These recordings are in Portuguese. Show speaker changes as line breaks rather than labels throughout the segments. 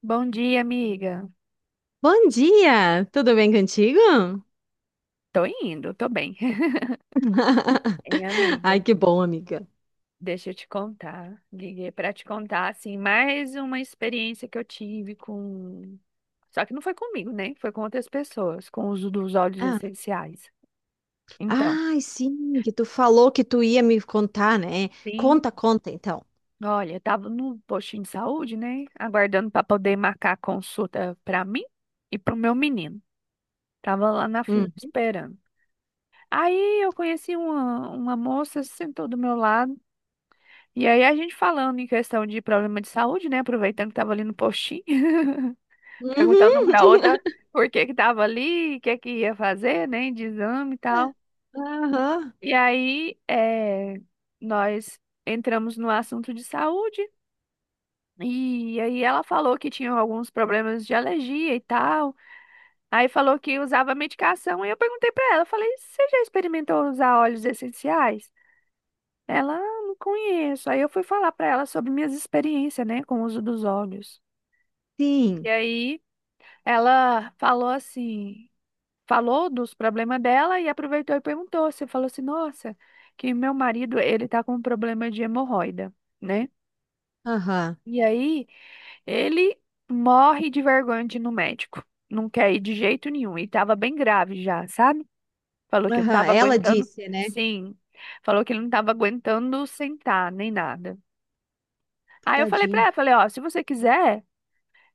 Bom dia, amiga.
Bom dia! Tudo bem contigo?
Tô indo, tô bem. Hein, amiga?
Ai, que bom, amiga.
Deixa eu te contar. Liguei pra te contar, assim, mais uma experiência que eu tive com. Só que não foi comigo, né? Foi com outras pessoas, com o uso dos óleos
Ah,
essenciais. Então,
sim, que tu falou que tu ia me contar, né?
sim.
Conta, conta, então.
Olha, eu tava no postinho de saúde, né? Aguardando pra poder marcar a consulta pra mim e pro meu menino. Tava lá na fila
Hum.
esperando. Aí eu conheci uma moça, sentou do meu lado. E aí a gente falando em questão de problema de saúde, né? Aproveitando que tava ali no postinho, perguntando uma
Uhum.
pra outra por que que tava ali, o que que ia fazer, né? De exame e tal.
Aham,
E aí nós entramos no assunto de saúde. E aí ela falou que tinha alguns problemas de alergia e tal. Aí falou que usava medicação. E eu perguntei pra ela, eu falei, você já experimentou usar óleos essenciais? Ela, "Ah, não conheço. Aí eu fui falar pra ela sobre minhas experiências, né, com o uso dos óleos.
sim.
E aí ela falou assim, falou dos problemas dela e aproveitou e perguntou. Você falou assim, nossa, que meu marido, ele tá com um problema de hemorroida, né?
Aham,
E aí ele morre de vergonha de ir no médico. Não quer ir de jeito nenhum. E tava bem grave já, sabe? Falou que não
aham.
tava
Ela
aguentando.
disse, né?
Sim. Falou que ele não tava aguentando sentar, nem nada. Aí eu falei pra
Tadinho.
ela, falei, ó, se você quiser,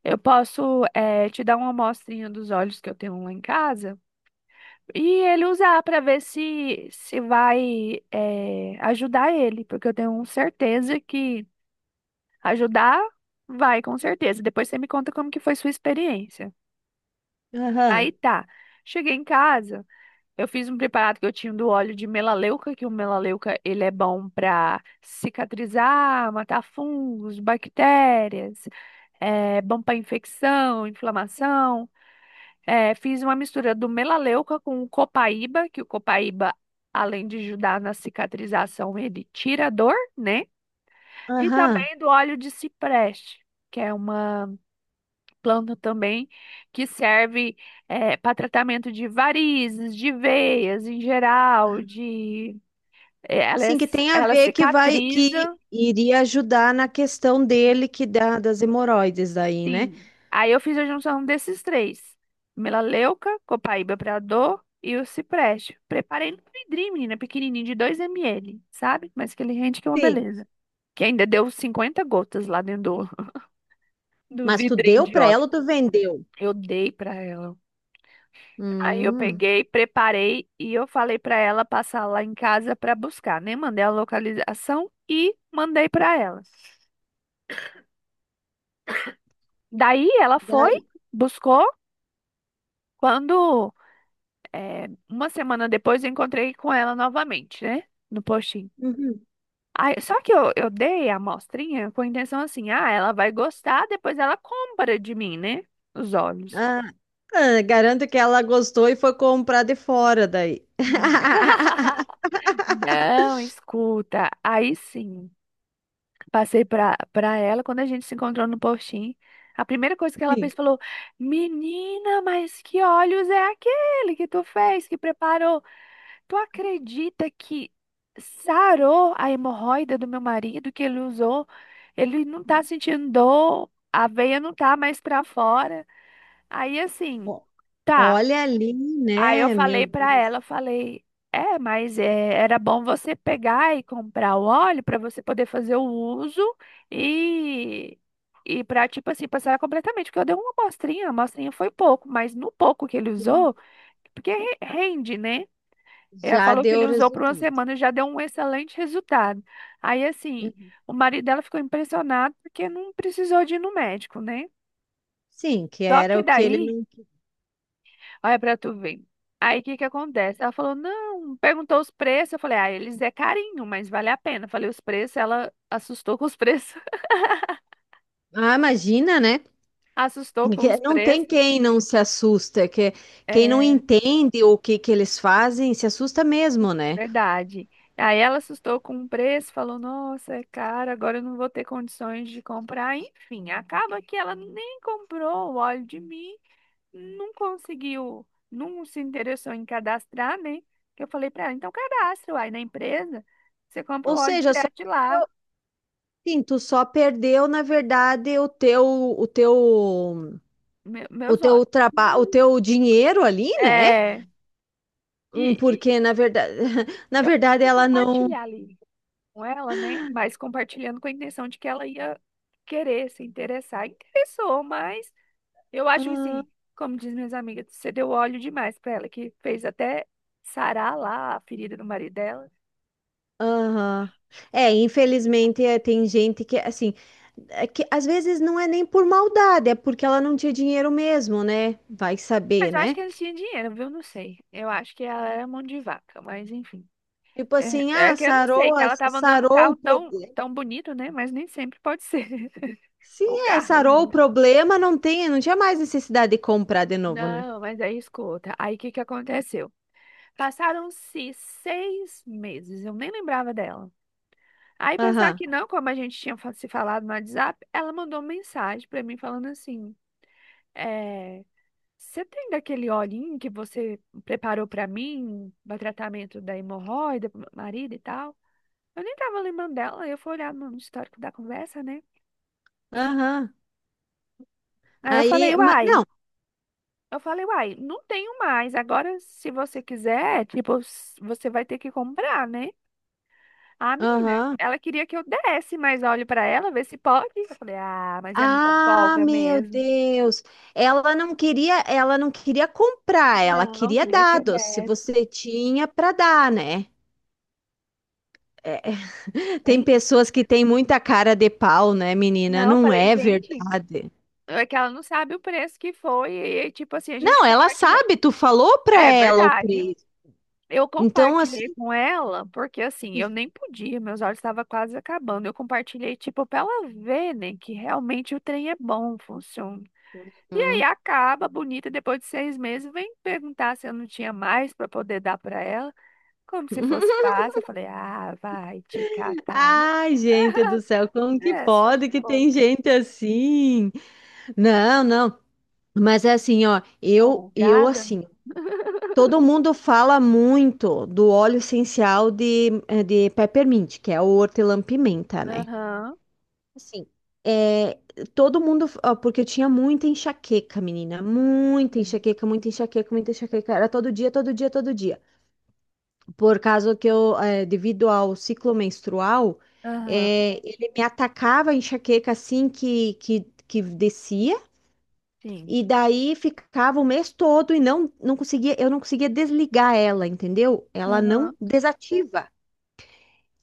eu posso te dar uma amostrinha dos olhos que eu tenho lá em casa. E ele usar para ver se vai ajudar ele, porque eu tenho certeza que ajudar vai, com certeza. Depois você me conta como que foi sua experiência.
Aham,
Aí tá, cheguei em casa, eu fiz um preparado que eu tinha do óleo de melaleuca, que o melaleuca ele é bom para cicatrizar, matar fungos, bactérias, é bom para infecção, inflamação. É, fiz uma mistura do melaleuca com o copaíba, que o copaíba, além de ajudar na cicatrização, ele tira a dor, né? E
aham.
também do óleo de cipreste, que é uma planta também que serve para tratamento de varizes, de veias em geral, de é-
Sim, que tem a
ela
ver que vai, que
cicatriza.
iria ajudar na questão dele, que dá das hemorroides daí, né?
Sim. Aí eu fiz a junção desses três: melaleuca, copaíba pra dor e o cipreste. Preparei no vidrinho, menina, pequenininho de 2 ml, sabe? Mas que ele rende que é uma
Sim.
beleza. Que ainda deu 50 gotas lá dentro do
Mas tu
vidrinho
deu
de
pra ela
óleo.
ou tu vendeu?
Eu dei pra ela. Aí eu
Hum.
peguei, preparei e eu falei pra ela passar lá em casa pra buscar, né? Mandei a localização e mandei pra ela. Daí ela foi,
Daí.
buscou. Quando uma semana depois eu encontrei com ela novamente, né? No postinho.
Uhum.
Aí, só que eu dei a amostrinha com a intenção assim, ah, ela vai gostar, depois ela compra de mim, né? Os olhos.
Ah, ah, garanto que ela gostou e foi comprar de fora daí.
Não, escuta. Aí sim. Passei pra ela, quando a gente se encontrou no postinho, a primeira coisa que ela
Sim.
fez falou: Menina, mas que olhos é aquele que tu fez, que preparou? Tu acredita que sarou a hemorroida do meu marido que ele usou? Ele não tá sentindo dor, a veia não tá mais pra fora. Aí assim,
Ó.
tá.
Olha ali,
Aí eu
né? Meu
falei pra
Deus,
ela, eu falei, mas era bom você pegar e comprar o óleo pra você poder fazer o uso e e para tipo assim passar completamente, porque eu dei uma amostrinha, a amostrinha foi pouco, mas no pouco que ele usou,
sim,
porque rende, né? Ela
já
falou que
deu
ele usou por uma
resultado.
semana e já deu um excelente resultado. Aí assim, o marido dela ficou impressionado porque não precisou de ir no médico, né?
Sim, que
Só
era
que
o que ele
daí.
não.
Olha pra tu ver. Aí o que que acontece? Ela falou, não, perguntou os preços. Eu falei, ah, eles é carinho, mas vale a pena. Eu falei os preços, ela assustou com os preços.
Ah, imagina, né?
Assustou com
Que
os
não tem
preços.
quem não se assusta, que quem não
É
entende o que que eles fazem se assusta mesmo, né?
verdade. Aí ela assustou com o preço, falou, nossa, é caro, agora eu não vou ter condições de comprar. Enfim, acaba que ela nem comprou o óleo de mim, não conseguiu, não se interessou em cadastrar, né? Que eu falei pra ela, então cadastra, aí na empresa, você compra o
Ou
óleo
seja, só
direto de lá.
assim, tu só perdeu, na verdade, o teu o
Meus olhos.
teu trabalho, o teu dinheiro ali, né?
É, e,
Hum.
e
Porque na verdade, na
eu pensei
verdade
em
ela não.
compartilhar ali com ela, né? Mas compartilhando com a intenção de que ela ia querer se interessar. Interessou, mas eu acho que
Ah,
assim, como diz minhas amigas, você deu óleo demais pra ela, que fez até sarar lá a ferida do marido dela.
aham. É, infelizmente é, tem gente que assim, é que às vezes não é nem por maldade, é porque ela não tinha dinheiro mesmo, né? Vai
Mas
saber,
eu acho que
né?
eles tinham dinheiro, viu? Não sei. Eu acho que ela era mão de vaca, mas enfim.
Tipo assim,
É, é
ah,
que eu não sei,
sarou,
que ela tava andando um
sarou
carro
o
tão,
problema.
tão bonito, né? Mas nem sempre pode ser o
Sim, é,
carro,
sarou o
né?
problema, não tem, não tinha mais necessidade de comprar de novo, né?
Não, mas aí escuta. Aí o que que aconteceu? Passaram-se 6 meses, eu nem lembrava dela. Aí pensar
Aham.
que não, como a gente tinha se falado no WhatsApp, ela mandou uma mensagem pra mim falando assim: é, você tem daquele olhinho que você preparou pra mim, para tratamento da hemorroida, pro meu marido e tal? Eu nem tava lembrando dela, aí eu fui olhar no histórico da conversa, né?
Aham.
Aí eu falei, uai.
Não.
Eu falei, uai, não tenho mais. Agora, se você quiser, tipo, você vai ter que comprar, né? Ah, menina,
Aham.
ela queria que eu desse mais óleo pra ela, ver se pode. Eu falei, ah, mas é muita
Ah,
folga
meu
mesmo.
Deus. Ela não queria comprar, ela
Não,
queria
queria que eu
dados. Se
desse.
você tinha para dar, né? É, tem
Tem isso, tá?
pessoas que têm muita cara de pau, né, menina?
Não,
Não
falei,
é
gente,
verdade.
é que ela não sabe o preço que foi. E, tipo assim, a gente
Não, ela
compartilha.
sabe, tu falou para
É
ela o
verdade.
preço.
Eu
Então,
compartilhei
assim,
com ela, porque assim, eu nem podia, meus olhos estavam quase acabando. Eu compartilhei, tipo, pra ela ver, né, que realmente o trem é bom, funciona. E aí
hum.
acaba, bonita, depois de 6 meses, vem perguntar se eu não tinha mais para poder dar para ela, como se fosse fácil. Eu falei, ah, vai te catar, né?
Ai, gente do céu, como que
É, só que
pode que
ficou
tem gente assim? Não, não. Mas assim, ó, eu
folgada.
assim, todo mundo fala muito do óleo essencial de, de peppermint, que é o hortelã-pimenta, né?
Aham,
Assim, é, todo mundo, ó, porque eu tinha muita enxaqueca, menina, muita
sim.
enxaqueca, muita enxaqueca, muita enxaqueca, era todo dia, todo dia, todo dia. Por causa que eu, devido ao ciclo menstrual,
Aham,
ele me atacava a enxaqueca assim que descia.
sim.
E daí ficava o mês todo e não conseguia, eu não conseguia desligar ela, entendeu? Ela não
Aham,
desativa.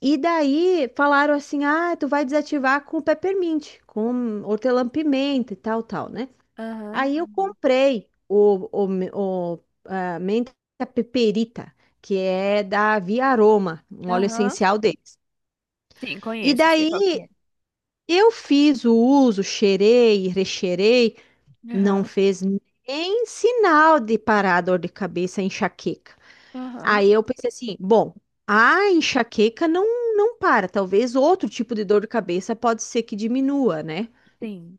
E daí falaram assim: "Ah, tu vai desativar com peppermint, com hortelã-pimenta e tal, tal, né?"
aham,
Aí eu
entendi.
comprei o, me- o a menta peperita, que é da Via Aroma, um óleo
Aham,
essencial deles.
sim,
E
conheço, sei qual que
daí
é.
eu fiz o uso, cheirei, recheirei. Não
Aham,
fez nem sinal de parar a dor de cabeça, a enxaqueca.
aham,
Aí eu pensei assim, bom, a enxaqueca não para, talvez outro tipo de dor de cabeça pode ser que diminua, né?
sim.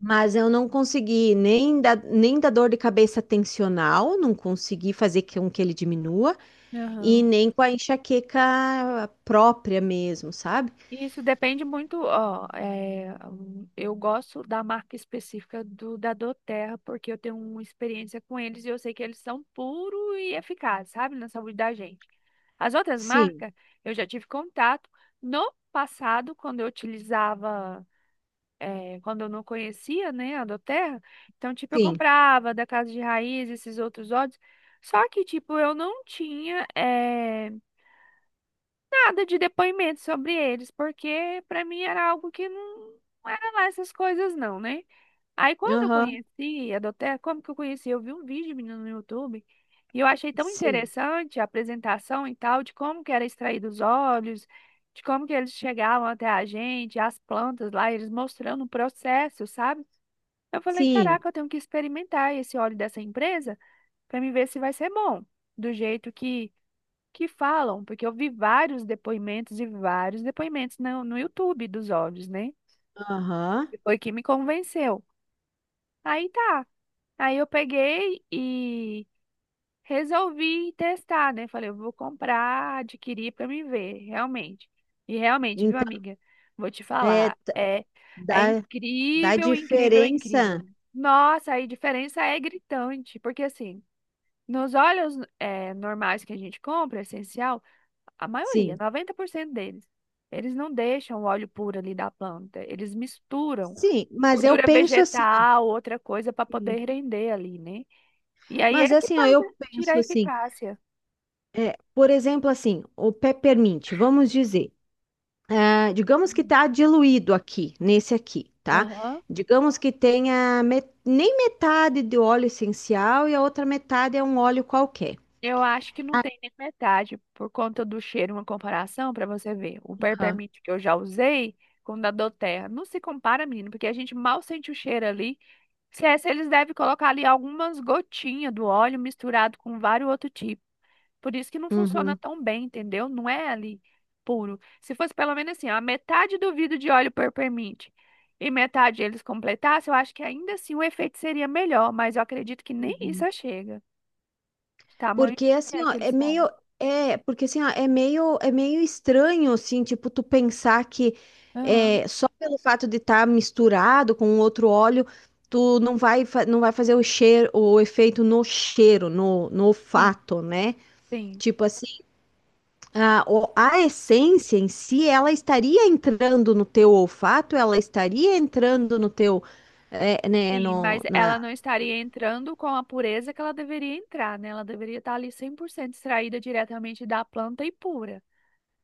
Mas eu não consegui nem da dor de cabeça tensional, não consegui fazer com que ele diminua, e
Aham.
nem com a enxaqueca própria mesmo, sabe?
Isso depende muito, ó, eu gosto da marca específica do da Doterra, porque eu tenho uma experiência com eles e eu sei que eles são puro e eficazes, sabe, na saúde da gente. As outras
Sim,
marcas, eu já tive contato no passado, quando eu utilizava, quando eu não conhecia, né, a Doterra, então, tipo, eu
sim,
comprava da Casa de Raiz, esses outros óleos, só que, tipo, eu não tinha, nada de depoimento sobre eles, porque para mim era algo que não, não era lá essas coisas não, né? Aí quando eu
aham,
conheci a Doterra, como que eu conheci? Eu vi um vídeo, menino, no YouTube, e eu achei tão
sim,
interessante a apresentação e tal, de como que era extraído os óleos, de como que eles chegavam até a gente, as plantas lá, eles mostrando o processo, sabe? Eu falei,
sim,
caraca, eu tenho que experimentar esse óleo dessa empresa para me ver se vai ser bom, do jeito que falam, porque eu vi vários depoimentos e vários depoimentos no YouTube dos olhos, né?
aham.
E foi que me convenceu. Aí tá. Aí eu peguei e resolvi testar, né? Falei, eu vou comprar, adquirir para me ver, realmente. E realmente, viu,
Então,
amiga? Vou te
é,
falar, é
dá. Da
incrível, incrível,
diferença,
incrível. Nossa, aí a diferença é gritante, porque assim, nos óleos normais que a gente compra, é essencial. A maioria,
sim.
90% deles. Eles não deixam o óleo puro ali da planta. Eles misturam
Sim, mas eu
gordura
penso assim, ó.
vegetal, outra coisa para poder render ali, né? E aí é
Mas
que
assim, ó,
faz,
eu
né? Tira a
penso assim,
eficácia.
é, por exemplo, assim, o peppermint, vamos dizer, ah, digamos que
Hum.
tá diluído aqui, nesse aqui, tá?
Aham.
Digamos que tenha nem metade de óleo essencial e a outra metade é um óleo qualquer.
Eu acho que não tem nem metade por conta do cheiro, uma comparação para você ver. O
Aham.
Peppermint que eu já usei com o da Doterra. Não se compara, menino, porque a gente mal sente o cheiro ali. Se eles devem colocar ali algumas gotinhas do óleo misturado com vários outros tipos. Por isso que não funciona
Uhum.
tão bem, entendeu? Não é ali puro. Se fosse pelo menos assim, a metade do vidro de óleo permite e metade eles completassem, eu acho que ainda assim o efeito seria melhor, mas eu acredito que nem
Uhum.
isso chega. Tamanho
Porque
que
assim,
é
ó,
que eles sabem.
porque assim, ó, é meio estranho assim, tipo tu pensar que
Aham,
é, só pelo fato de estar misturado com outro óleo, tu não não vai fazer o cheiro, o efeito no cheiro, no
sim,
olfato, né?
sim,
Tipo assim, a essência em si, ela estaria entrando no teu olfato, ela estaria entrando no teu, é, né,
sim. Mas
no,
ela
na.
não estaria entrando com a pureza que ela deveria entrar, né? Ela deveria estar ali 100% extraída diretamente da planta e pura.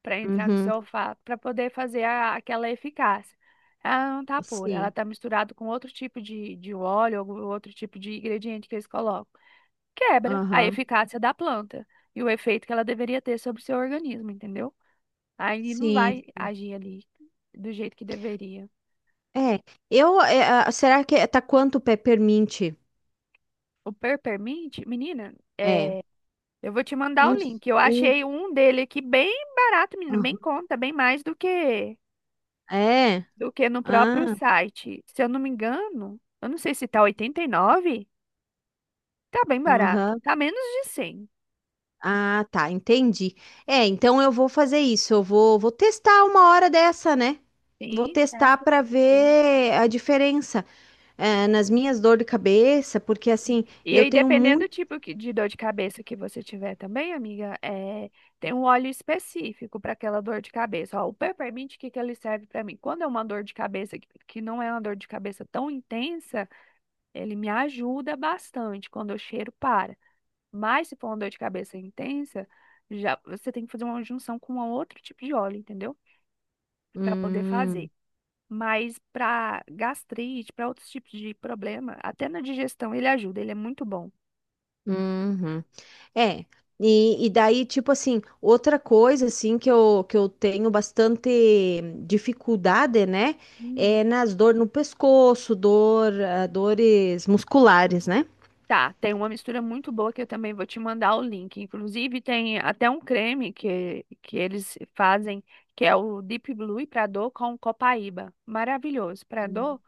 Para entrar no
Uhum,
seu olfato, para poder fazer aquela eficácia. Ela não tá pura, ela
sim,
tá misturada com outro tipo de óleo, algum outro tipo de ingrediente que eles colocam. Quebra a
aham,
eficácia da planta e o efeito que ela deveria ter sobre o seu organismo, entendeu? Aí não
sim.
vai agir ali do jeito que deveria.
É, eu, é, será que é, tá quanto o peppermint?
O Peppermint, menina,
É,
eu vou te mandar o
uns,
link. Eu
um,
achei um dele aqui bem barato, menina, bem em
aham.
conta, bem mais do que
É,
do que no próprio
ah,
site. Se eu não me engano, eu não sei se tá 89, tá bem barato.
aham,
Tá menos de 100.
ah, tá, entendi. É, então eu vou fazer isso, eu vou, vou testar uma hora dessa, né? Vou
Sim,
testar
essa
para
eu sei,
ver a diferença, é, nas minhas dores de cabeça, porque
sim.
assim,
E
eu
aí,
tenho
dependendo do
muito...
tipo de dor de cabeça que você tiver também, amiga, tem um óleo específico para aquela dor de cabeça. Ó, o peppermint, o que que ele serve para mim? Quando é uma dor de cabeça que não é uma dor de cabeça tão intensa, ele me ajuda bastante quando eu cheiro para. Mas se for uma dor de cabeça intensa, já você tem que fazer uma junção com um outro tipo de óleo, entendeu? Para poder
Hum,
fazer. Mas para gastrite, para outros tipos de problema, até na digestão ele ajuda, ele é muito bom.
uhum. É, e daí, tipo assim, outra coisa, assim, que eu tenho bastante dificuldade, né,
Hum.
é nas dores no pescoço, dor, ah, dores musculares, né?
Tá, tem uma mistura muito boa que eu também vou te mandar o link. Inclusive tem até um creme que eles fazem, que é o Deep Blue para dor com Copaíba. Maravilhoso. Para dor,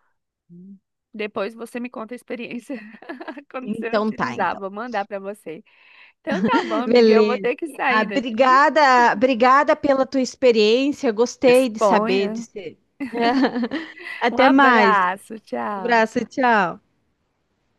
depois você me conta a experiência quando você
Então tá,
utilizar.
então.
Vou mandar para você. Então tá bom, amiga. Eu vou
Beleza.
ter que
Ah,
sair daqui.
obrigada, obrigada pela tua experiência, gostei de saber
Disponha.
de ser.
Um
Até mais.
abraço,
Um
tchau.
abraço, tchau.